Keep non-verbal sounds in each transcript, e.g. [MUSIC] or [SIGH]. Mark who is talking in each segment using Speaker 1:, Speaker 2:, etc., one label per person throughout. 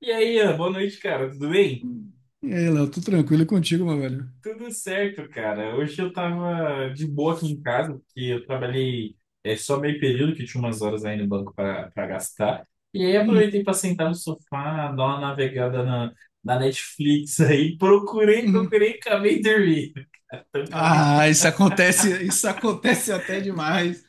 Speaker 1: E aí, Ian, boa noite, cara. Tudo bem?
Speaker 2: Hum. E aí, Léo, tudo tranquilo contigo, meu velho?
Speaker 1: Tudo certo, cara. Hoje eu tava de boa aqui em casa, porque eu trabalhei só meio período, que tinha umas horas aí no banco para gastar. E aí
Speaker 2: Uhum,
Speaker 1: aproveitei para sentar no sofá, dar uma navegada na Netflix aí. [LAUGHS] Procurei,
Speaker 2: uhum.
Speaker 1: procurei, acabei dormindo. [LAUGHS] Então, acabei.
Speaker 2: Ah, isso acontece até demais.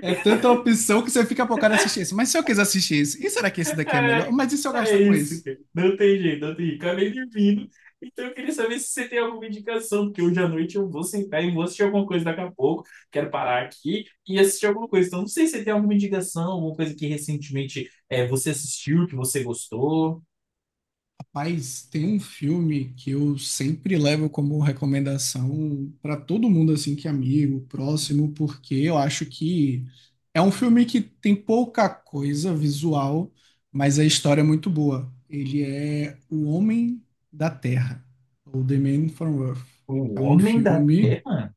Speaker 2: É tanta opção que você fica focado em assistir esse. Mas se eu quiser assistir esse, e será que esse daqui é melhor? Mas e se eu
Speaker 1: É
Speaker 2: gastar com
Speaker 1: isso,
Speaker 2: esse?
Speaker 1: cara. Não tem jeito, não tem jeito. Acabei dormindo. Então eu queria saber se você tem alguma indicação, porque hoje à noite eu vou sentar e vou assistir alguma coisa daqui a pouco. Quero parar aqui e assistir alguma coisa. Então não sei se você tem alguma indicação, alguma coisa que recentemente você assistiu, que você gostou.
Speaker 2: Mas tem um filme que eu sempre levo como recomendação para todo mundo assim que é amigo, próximo, porque eu acho que é um filme que tem pouca coisa visual, mas a história é muito boa. Ele é O Homem da Terra, ou The Man from Earth.
Speaker 1: O
Speaker 2: É um
Speaker 1: Homem da
Speaker 2: filme,
Speaker 1: Terra?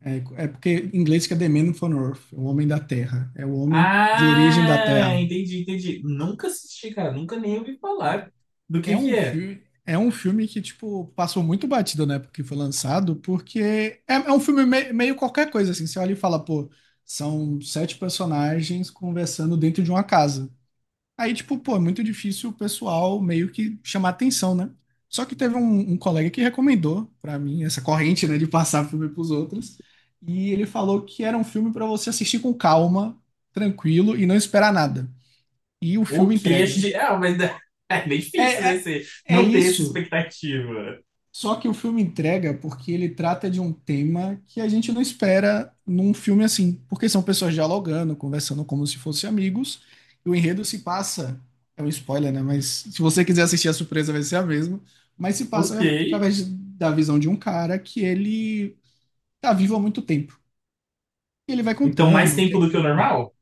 Speaker 2: é porque em inglês que é The Man from Earth, o Homem da Terra, é o homem de origem da
Speaker 1: Ah,
Speaker 2: Terra.
Speaker 1: entendi, entendi. Nunca assisti, cara. Nunca nem ouvi falar do que é.
Speaker 2: É um filme que, tipo, passou muito batido na época que foi lançado, porque é um filme meio qualquer coisa, assim. Você olha e fala, pô, são sete personagens conversando dentro de uma casa. Aí, tipo, pô, é muito difícil o pessoal meio que chamar atenção, né? Só que teve um colega que recomendou pra mim essa corrente, né, de passar filme pros outros. E ele falou que era um filme pra você assistir com calma, tranquilo e não esperar nada. E o
Speaker 1: O
Speaker 2: filme
Speaker 1: queixo
Speaker 2: entrega.
Speaker 1: de... Ah, mas [LAUGHS] é bem
Speaker 2: É,
Speaker 1: difícil, né?
Speaker 2: é-
Speaker 1: Você
Speaker 2: é
Speaker 1: não ter essa
Speaker 2: isso.
Speaker 1: expectativa.
Speaker 2: Só que o filme entrega porque ele trata de um tema que a gente não espera num filme assim, porque são pessoas dialogando, conversando como se fossem amigos, e o enredo se passa, é um spoiler, né? Mas se você quiser assistir a surpresa vai ser a mesma, mas se
Speaker 1: Ok.
Speaker 2: passa da visão de um cara que ele tá vivo há muito tempo. E ele vai
Speaker 1: Então, mais
Speaker 2: contando o que
Speaker 1: tempo
Speaker 2: é
Speaker 1: do
Speaker 2: que
Speaker 1: que o
Speaker 2: ele
Speaker 1: normal?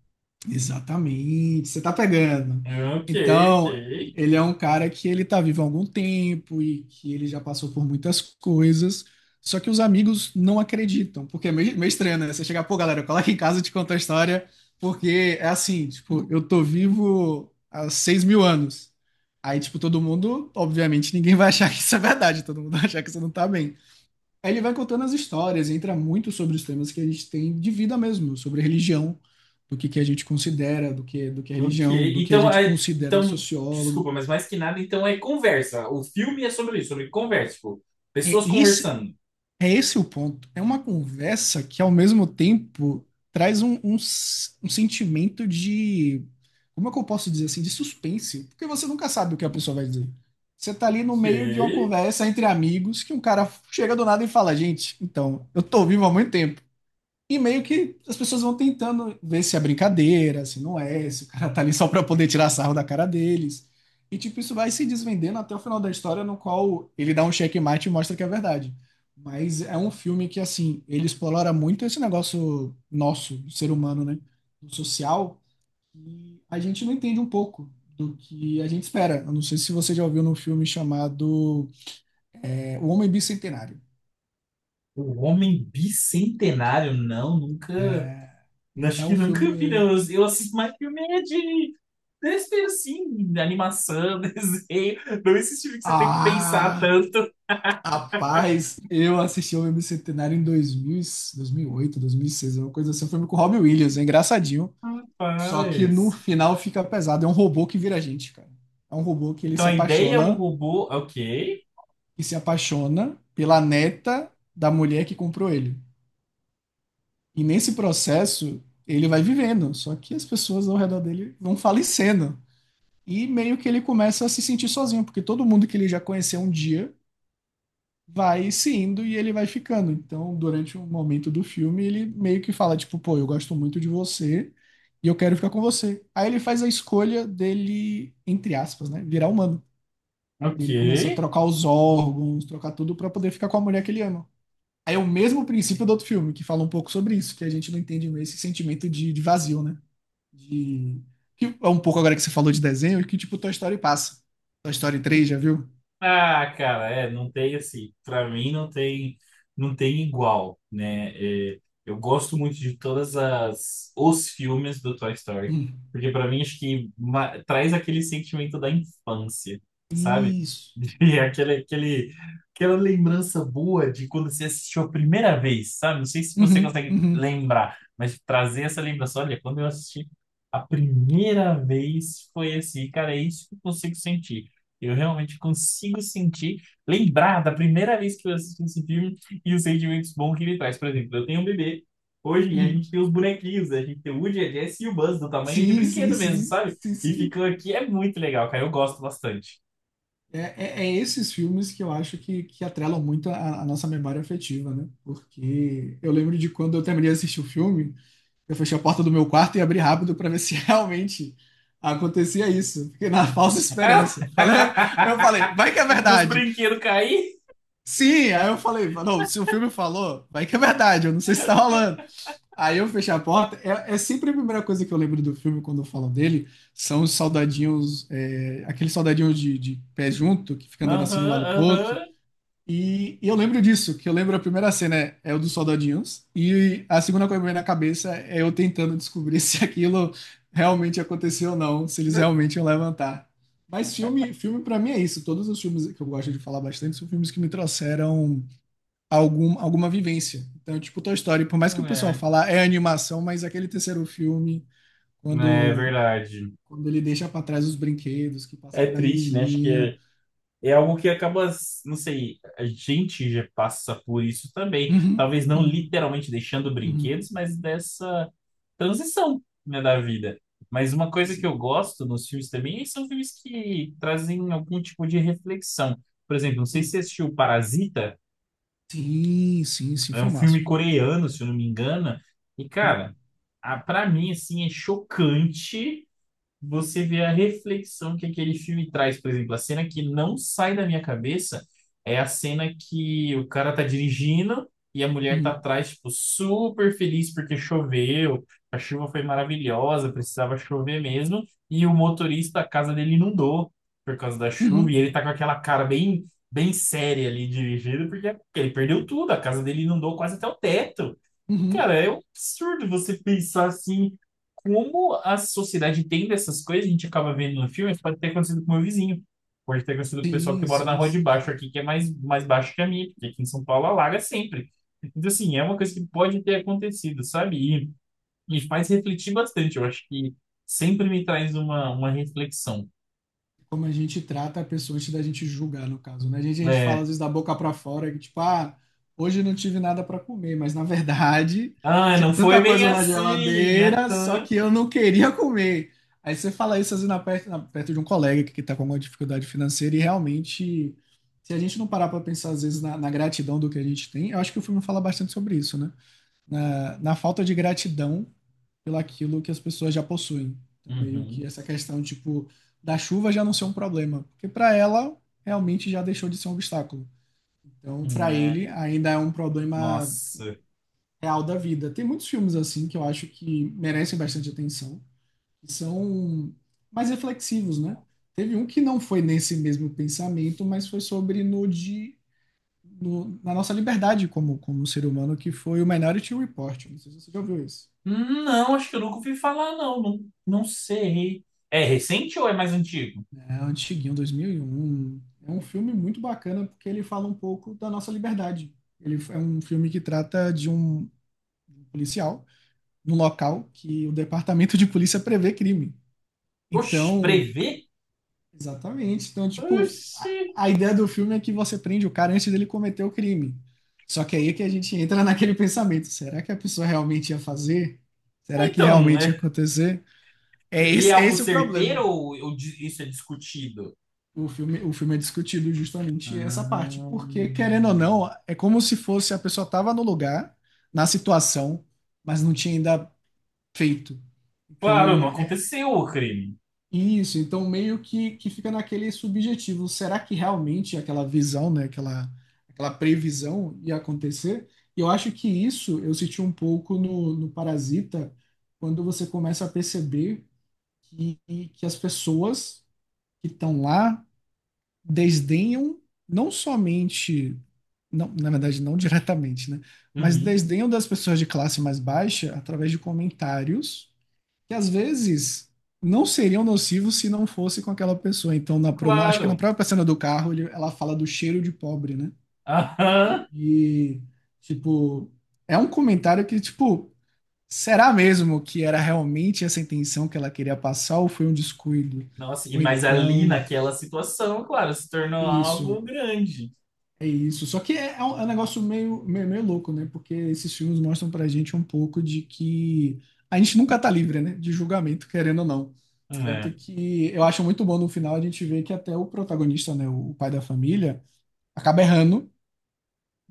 Speaker 2: Exatamente, você tá pegando.
Speaker 1: Ok, ok,
Speaker 2: Então, ele é um cara que ele tá vivo há algum tempo e que ele já passou por muitas coisas, só que os amigos não acreditam, porque é meio estranho, né? Você chegar, pô, galera, cola aqui em casa e te conta a história, porque é assim, tipo, eu tô vivo há 6 mil anos. Aí, tipo, todo mundo, obviamente, ninguém vai achar que isso é verdade, todo mundo vai achar que você não tá bem. Aí ele vai contando as histórias, entra muito sobre os temas que a gente tem de vida mesmo, sobre religião, que a gente considera, do que é
Speaker 1: ok.
Speaker 2: religião, do que a
Speaker 1: Então,
Speaker 2: gente considera sociólogo.
Speaker 1: desculpa, mas mais que nada, então é conversa. O filme é sobre isso, sobre conversa, tipo,
Speaker 2: É
Speaker 1: pessoas
Speaker 2: esse,
Speaker 1: conversando.
Speaker 2: é esse o ponto. É uma conversa que, ao mesmo tempo, traz um sentimento de. Como é que eu posso dizer assim? De suspense. Porque você nunca sabe o que a pessoa vai dizer. Você tá ali no meio de uma
Speaker 1: Ok.
Speaker 2: conversa entre amigos que um cara chega do nada e fala: Gente, então, eu tô vivo há muito tempo. E meio que as pessoas vão tentando ver se é brincadeira, se não é, se o cara tá ali só pra poder tirar sarro da cara deles. E tipo, isso vai se desvendando até o final da história, no qual ele dá um checkmate e mostra que é verdade. Mas é um filme que, assim, ele explora muito esse negócio nosso, do ser humano, né? Do social, e a gente não entende um pouco do que a gente espera. Eu não sei se você já ouviu num filme chamado O Homem Bicentenário.
Speaker 1: O Homem Bicentenário, não, nunca.
Speaker 2: É
Speaker 1: Acho que
Speaker 2: um
Speaker 1: nunca vi,
Speaker 2: filme.
Speaker 1: não. Eu assisto mais filme é de desenho, assim, de animação, [LAUGHS] desenho. Não esse filme que você tem que pensar
Speaker 2: Ah!
Speaker 1: tanto.
Speaker 2: Rapaz, eu assisti ao filme Centenário em 2008, 2006, uma coisa assim. Foi filme com o Robin Williams, é engraçadinho. Só que no
Speaker 1: Rapaz.
Speaker 2: final fica pesado. É um robô que vira gente, cara. É um robô que ele
Speaker 1: Então
Speaker 2: se
Speaker 1: a ideia é um
Speaker 2: apaixona
Speaker 1: robô. Ok.
Speaker 2: e se apaixona pela neta da mulher que comprou ele. E nesse processo, ele vai vivendo. Só que as pessoas ao redor dele vão falecendo. E meio que ele começa a se sentir sozinho, porque todo mundo que ele já conheceu um dia vai se indo e ele vai ficando. Então, durante um momento do filme, ele meio que fala, tipo, pô, eu gosto muito de você e eu quero ficar com você. Aí ele faz a escolha dele, entre aspas, né, virar humano.
Speaker 1: Ok.
Speaker 2: Ele começa a trocar os órgãos, trocar tudo pra poder ficar com a mulher que ele ama. Aí é o mesmo princípio do outro filme, que fala um pouco sobre isso, que a gente não entende esse sentimento de vazio, né? De... Que é um pouco agora que você falou de desenho, que tipo Toy Story passa. Toy Story três já viu?
Speaker 1: Ah, cara, não tem assim, pra mim não tem, não tem igual, né? Eu gosto muito de todas as os filmes do Toy Story,
Speaker 2: Hum.
Speaker 1: porque pra mim acho que traz aquele sentimento da infância, sabe?
Speaker 2: Isso.
Speaker 1: E [LAUGHS] aquele, aquele, aquela lembrança boa de quando você assistiu a primeira vez, sabe? Não sei se você
Speaker 2: Uhum,
Speaker 1: consegue
Speaker 2: uhum.
Speaker 1: lembrar, mas trazer essa lembrança, olha, quando eu assisti a primeira vez foi assim, cara, é isso que eu consigo sentir. Eu realmente consigo sentir, lembrar da primeira vez que eu assisti esse filme e os sentimentos bons que ele traz. Por exemplo, eu tenho um bebê. Hoje e a
Speaker 2: Uhum.
Speaker 1: gente tem os bonequinhos, a gente tem o Woody, a Jessie e o Buzz do tamanho de
Speaker 2: Sim, sim,
Speaker 1: brinquedo mesmo,
Speaker 2: sim,
Speaker 1: sabe?
Speaker 2: sim,
Speaker 1: E
Speaker 2: sim.
Speaker 1: ficam aqui, é muito legal, cara. Eu gosto bastante.
Speaker 2: É, é esses filmes que eu acho que atrelam muito a nossa memória afetiva, né? Porque eu lembro de quando eu terminei de assistir o filme, eu fechei a porta do meu quarto e abri rápido para ver se [LAUGHS] realmente acontecia isso. Fiquei na falsa esperança. Falei, eu falei, vai que é
Speaker 1: [LAUGHS] Dos
Speaker 2: verdade.
Speaker 1: brinquedos cair?
Speaker 2: Sim, aí eu falei, não, se o filme falou, vai que é verdade, eu não sei se tá rolando. Aí eu fechei a porta. É, é sempre a primeira coisa que eu lembro do filme quando eu falo dele. São os soldadinhos, aqueles soldadinhos de pé junto, que fica andando assim de um
Speaker 1: Aham,
Speaker 2: lado pro outro.
Speaker 1: aham.
Speaker 2: E eu lembro disso, que eu lembro a primeira cena é o dos soldadinhos. E a segunda coisa que me vem na cabeça é eu tentando descobrir [LAUGHS] se aquilo realmente aconteceu ou não, se eles realmente iam levantar. Mas filme, filme para mim é isso. Todos os filmes que eu gosto de falar bastante são filmes que me trouxeram alguma vivência. Então, é tipo, Toy Story, por mais que o pessoal fala "Ah, é animação, mas aquele terceiro filme,
Speaker 1: É, é
Speaker 2: quando,
Speaker 1: verdade.
Speaker 2: quando ele deixa para trás os brinquedos, que passa
Speaker 1: É
Speaker 2: pra
Speaker 1: triste, né? Acho que
Speaker 2: menininha.
Speaker 1: é. É algo que acaba, não sei, a gente já passa por isso também.
Speaker 2: Uhum,
Speaker 1: Talvez não
Speaker 2: uhum,
Speaker 1: literalmente deixando
Speaker 2: uhum.
Speaker 1: brinquedos, mas dessa transição, né, da vida. Mas uma coisa que
Speaker 2: Esse-
Speaker 1: eu gosto nos filmes também são filmes que trazem algum tipo de reflexão. Por exemplo, não sei se
Speaker 2: uhum.
Speaker 1: você assistiu Parasita,
Speaker 2: Sim, sim, sim,
Speaker 1: é um
Speaker 2: filmaço,
Speaker 1: filme
Speaker 2: filmaço.
Speaker 1: coreano, se eu não me engano. E,
Speaker 2: Uhum,
Speaker 1: cara, pra mim, assim, é chocante você vê a reflexão que aquele filme traz. Por exemplo, a cena que não sai da minha cabeça é a cena que o cara tá dirigindo e a mulher tá
Speaker 2: uhum,
Speaker 1: atrás, tipo, super feliz porque choveu, a chuva foi maravilhosa, precisava chover mesmo, e o motorista, a casa dele inundou por causa da chuva, e
Speaker 2: uhum,
Speaker 1: ele tá com aquela cara bem séria ali dirigindo, porque ele perdeu tudo, a casa dele inundou quase até o teto.
Speaker 2: uhum.
Speaker 1: Cara, é um absurdo você pensar assim, como a sociedade entende essas coisas, a gente acaba vendo no filme, isso pode ter acontecido com o meu vizinho, pode ter acontecido com o pessoal que
Speaker 2: Sim,
Speaker 1: mora na
Speaker 2: sim,
Speaker 1: rua de
Speaker 2: sim,
Speaker 1: baixo
Speaker 2: sim.
Speaker 1: aqui, que é mais, mais baixo que a minha, porque aqui em São Paulo alaga sempre. Então, assim, é uma coisa que pode ter acontecido, sabe? E me faz refletir bastante, eu acho que sempre me traz uma reflexão.
Speaker 2: Como a gente trata a pessoa antes da gente julgar, no caso, né? A gente fala
Speaker 1: É,
Speaker 2: às vezes da boca para fora, que tipo, ah, hoje eu não tive nada para comer, mas na verdade [LAUGHS]
Speaker 1: ah,
Speaker 2: tinha
Speaker 1: não
Speaker 2: tanta
Speaker 1: foi bem
Speaker 2: coisa na
Speaker 1: assim!
Speaker 2: geladeira, só
Speaker 1: Aham.
Speaker 2: que eu não queria comer. Aí você fala isso às vezes perto de um colega que está com alguma dificuldade financeira e realmente, se a gente não parar para pensar às vezes na gratidão do que a gente tem, eu acho que o filme fala bastante sobre isso, né? Na falta de gratidão pelaquilo que as pessoas já possuem. Então, meio que essa questão, tipo, da chuva já não ser um problema, porque para ela realmente já deixou de ser um obstáculo. Então,
Speaker 1: Uhum.
Speaker 2: para
Speaker 1: É,
Speaker 2: ele ainda é um problema
Speaker 1: nossa.
Speaker 2: real da vida. Tem muitos filmes assim que eu acho que merecem bastante atenção, que são mais reflexivos, né? Teve um que não foi nesse mesmo pensamento, mas foi sobre no de no- na nossa liberdade como como ser humano, que foi o Minority Report. Não sei se você já ouviu isso.
Speaker 1: Não, acho que eu nunca ouvi falar, não. Não, não sei. É recente ou é mais antigo?
Speaker 2: É antiguinho, 2001. É um filme muito bacana porque ele fala um pouco da nossa liberdade. Ele é um filme que trata de um policial num local que o departamento de polícia prevê crime.
Speaker 1: Oxe,
Speaker 2: Então,
Speaker 1: prevê?
Speaker 2: exatamente. Então, tipo,
Speaker 1: Oxi.
Speaker 2: a ideia do filme é que você prende o cara antes dele cometer o crime. Só que aí é que a gente entra naquele pensamento: será que a pessoa realmente ia fazer? Será que
Speaker 1: Então,
Speaker 2: realmente ia
Speaker 1: é,
Speaker 2: acontecer?
Speaker 1: e é
Speaker 2: É
Speaker 1: algo
Speaker 2: esse o
Speaker 1: certeiro
Speaker 2: problema.
Speaker 1: ou, isso é discutido?
Speaker 2: O filme, o filme é discutido justamente essa parte, porque querendo ou
Speaker 1: Hum.
Speaker 2: não, é como se fosse a pessoa estava no lugar, na situação, mas não tinha ainda feito.
Speaker 1: Claro, não
Speaker 2: Então, é
Speaker 1: aconteceu o crime.
Speaker 2: isso, então meio que fica naquele subjetivo, será que realmente aquela visão, né, aquela previsão ia acontecer? E eu acho que isso eu senti um pouco no Parasita, quando você começa a perceber que, que as pessoas que estão lá desdenham não somente, não, na verdade, não [LAUGHS] diretamente, né? Mas
Speaker 1: Uhum,
Speaker 2: desdenham das pessoas de classe mais baixa através de comentários que às vezes não seriam nocivos se não fosse com aquela pessoa. Então, acho que na
Speaker 1: claro.
Speaker 2: própria cena do carro, ela fala do cheiro de pobre, né?
Speaker 1: Aham.
Speaker 2: E, tipo, é um comentário que, tipo, será mesmo que era realmente essa intenção que ela queria passar ou foi um descuido?
Speaker 1: Nossa, e
Speaker 2: Ou
Speaker 1: mas ali
Speaker 2: então,
Speaker 1: naquela situação, claro, se tornou algo
Speaker 2: isso.
Speaker 1: grande.
Speaker 2: É isso. Só que é um negócio meio louco, né? Porque esses filmes mostram pra gente um pouco de que a gente nunca tá livre, né? De julgamento, querendo ou não. Tanto
Speaker 1: É.
Speaker 2: que eu acho muito bom no final a gente ver que até o protagonista, né? O pai da família, acaba errando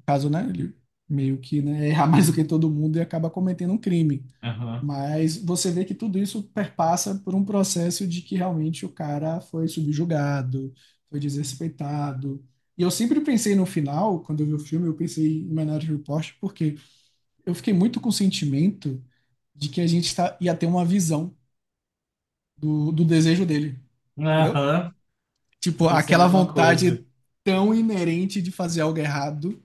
Speaker 2: caso, né, ele meio que, né, errar [LAUGHS] mais do que todo mundo e acaba cometendo um crime.
Speaker 1: Aham.
Speaker 2: Mas você vê que tudo isso perpassa por um processo de que realmente o cara foi subjugado, foi desrespeitado. E eu sempre pensei no final, quando eu vi o filme, eu pensei em Minority Report, porque eu fiquei muito com o sentimento de que a gente tá, ia ter uma visão do desejo dele, entendeu?
Speaker 1: Aham.
Speaker 2: Tipo,
Speaker 1: Pensei a
Speaker 2: aquela
Speaker 1: mesma coisa.
Speaker 2: vontade tão inerente de fazer algo errado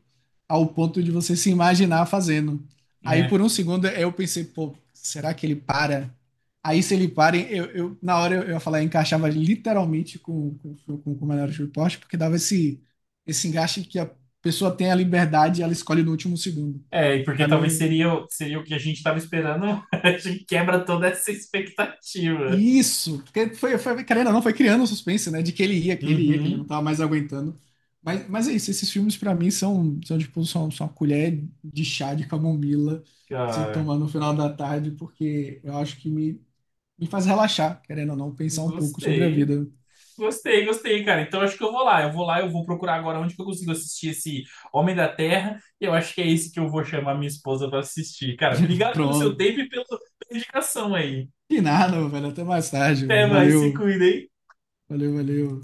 Speaker 2: ao ponto de você se imaginar fazendo. Aí por
Speaker 1: É.
Speaker 2: um segundo eu pensei, pô, será que ele para? Aí se ele para, na hora eu ia falar, eu encaixava literalmente com o Minority Report, porque dava esse encaixe que a pessoa tem a liberdade e ela escolhe no último segundo.
Speaker 1: É, e porque
Speaker 2: Pra
Speaker 1: talvez
Speaker 2: mim,
Speaker 1: seria, seria o que a gente estava esperando, [LAUGHS] a gente quebra toda essa expectativa.
Speaker 2: isso, porque querendo ou não, foi criando um suspense, né? De que ele ia, que ele não
Speaker 1: Uhum,
Speaker 2: tava mais aguentando. Mas é isso, esses filmes pra mim são uma colher de chá de camomila que você
Speaker 1: cara.
Speaker 2: toma no final da tarde, porque eu acho que me faz relaxar, querendo ou não, pensar um pouco sobre a
Speaker 1: Gostei.
Speaker 2: vida.
Speaker 1: Gostei, gostei, cara. Então acho que eu vou lá. Eu vou lá, eu vou procurar agora onde que eu consigo assistir esse Homem da Terra. E eu acho que é esse que eu vou chamar minha esposa para assistir. Cara, obrigado pelo seu
Speaker 2: Pronto.
Speaker 1: tempo e pela indicação aí.
Speaker 2: E nada, velho, até mais tarde,
Speaker 1: Até
Speaker 2: velho.
Speaker 1: mais, se
Speaker 2: Valeu,
Speaker 1: cuida, hein?
Speaker 2: valeu, valeu.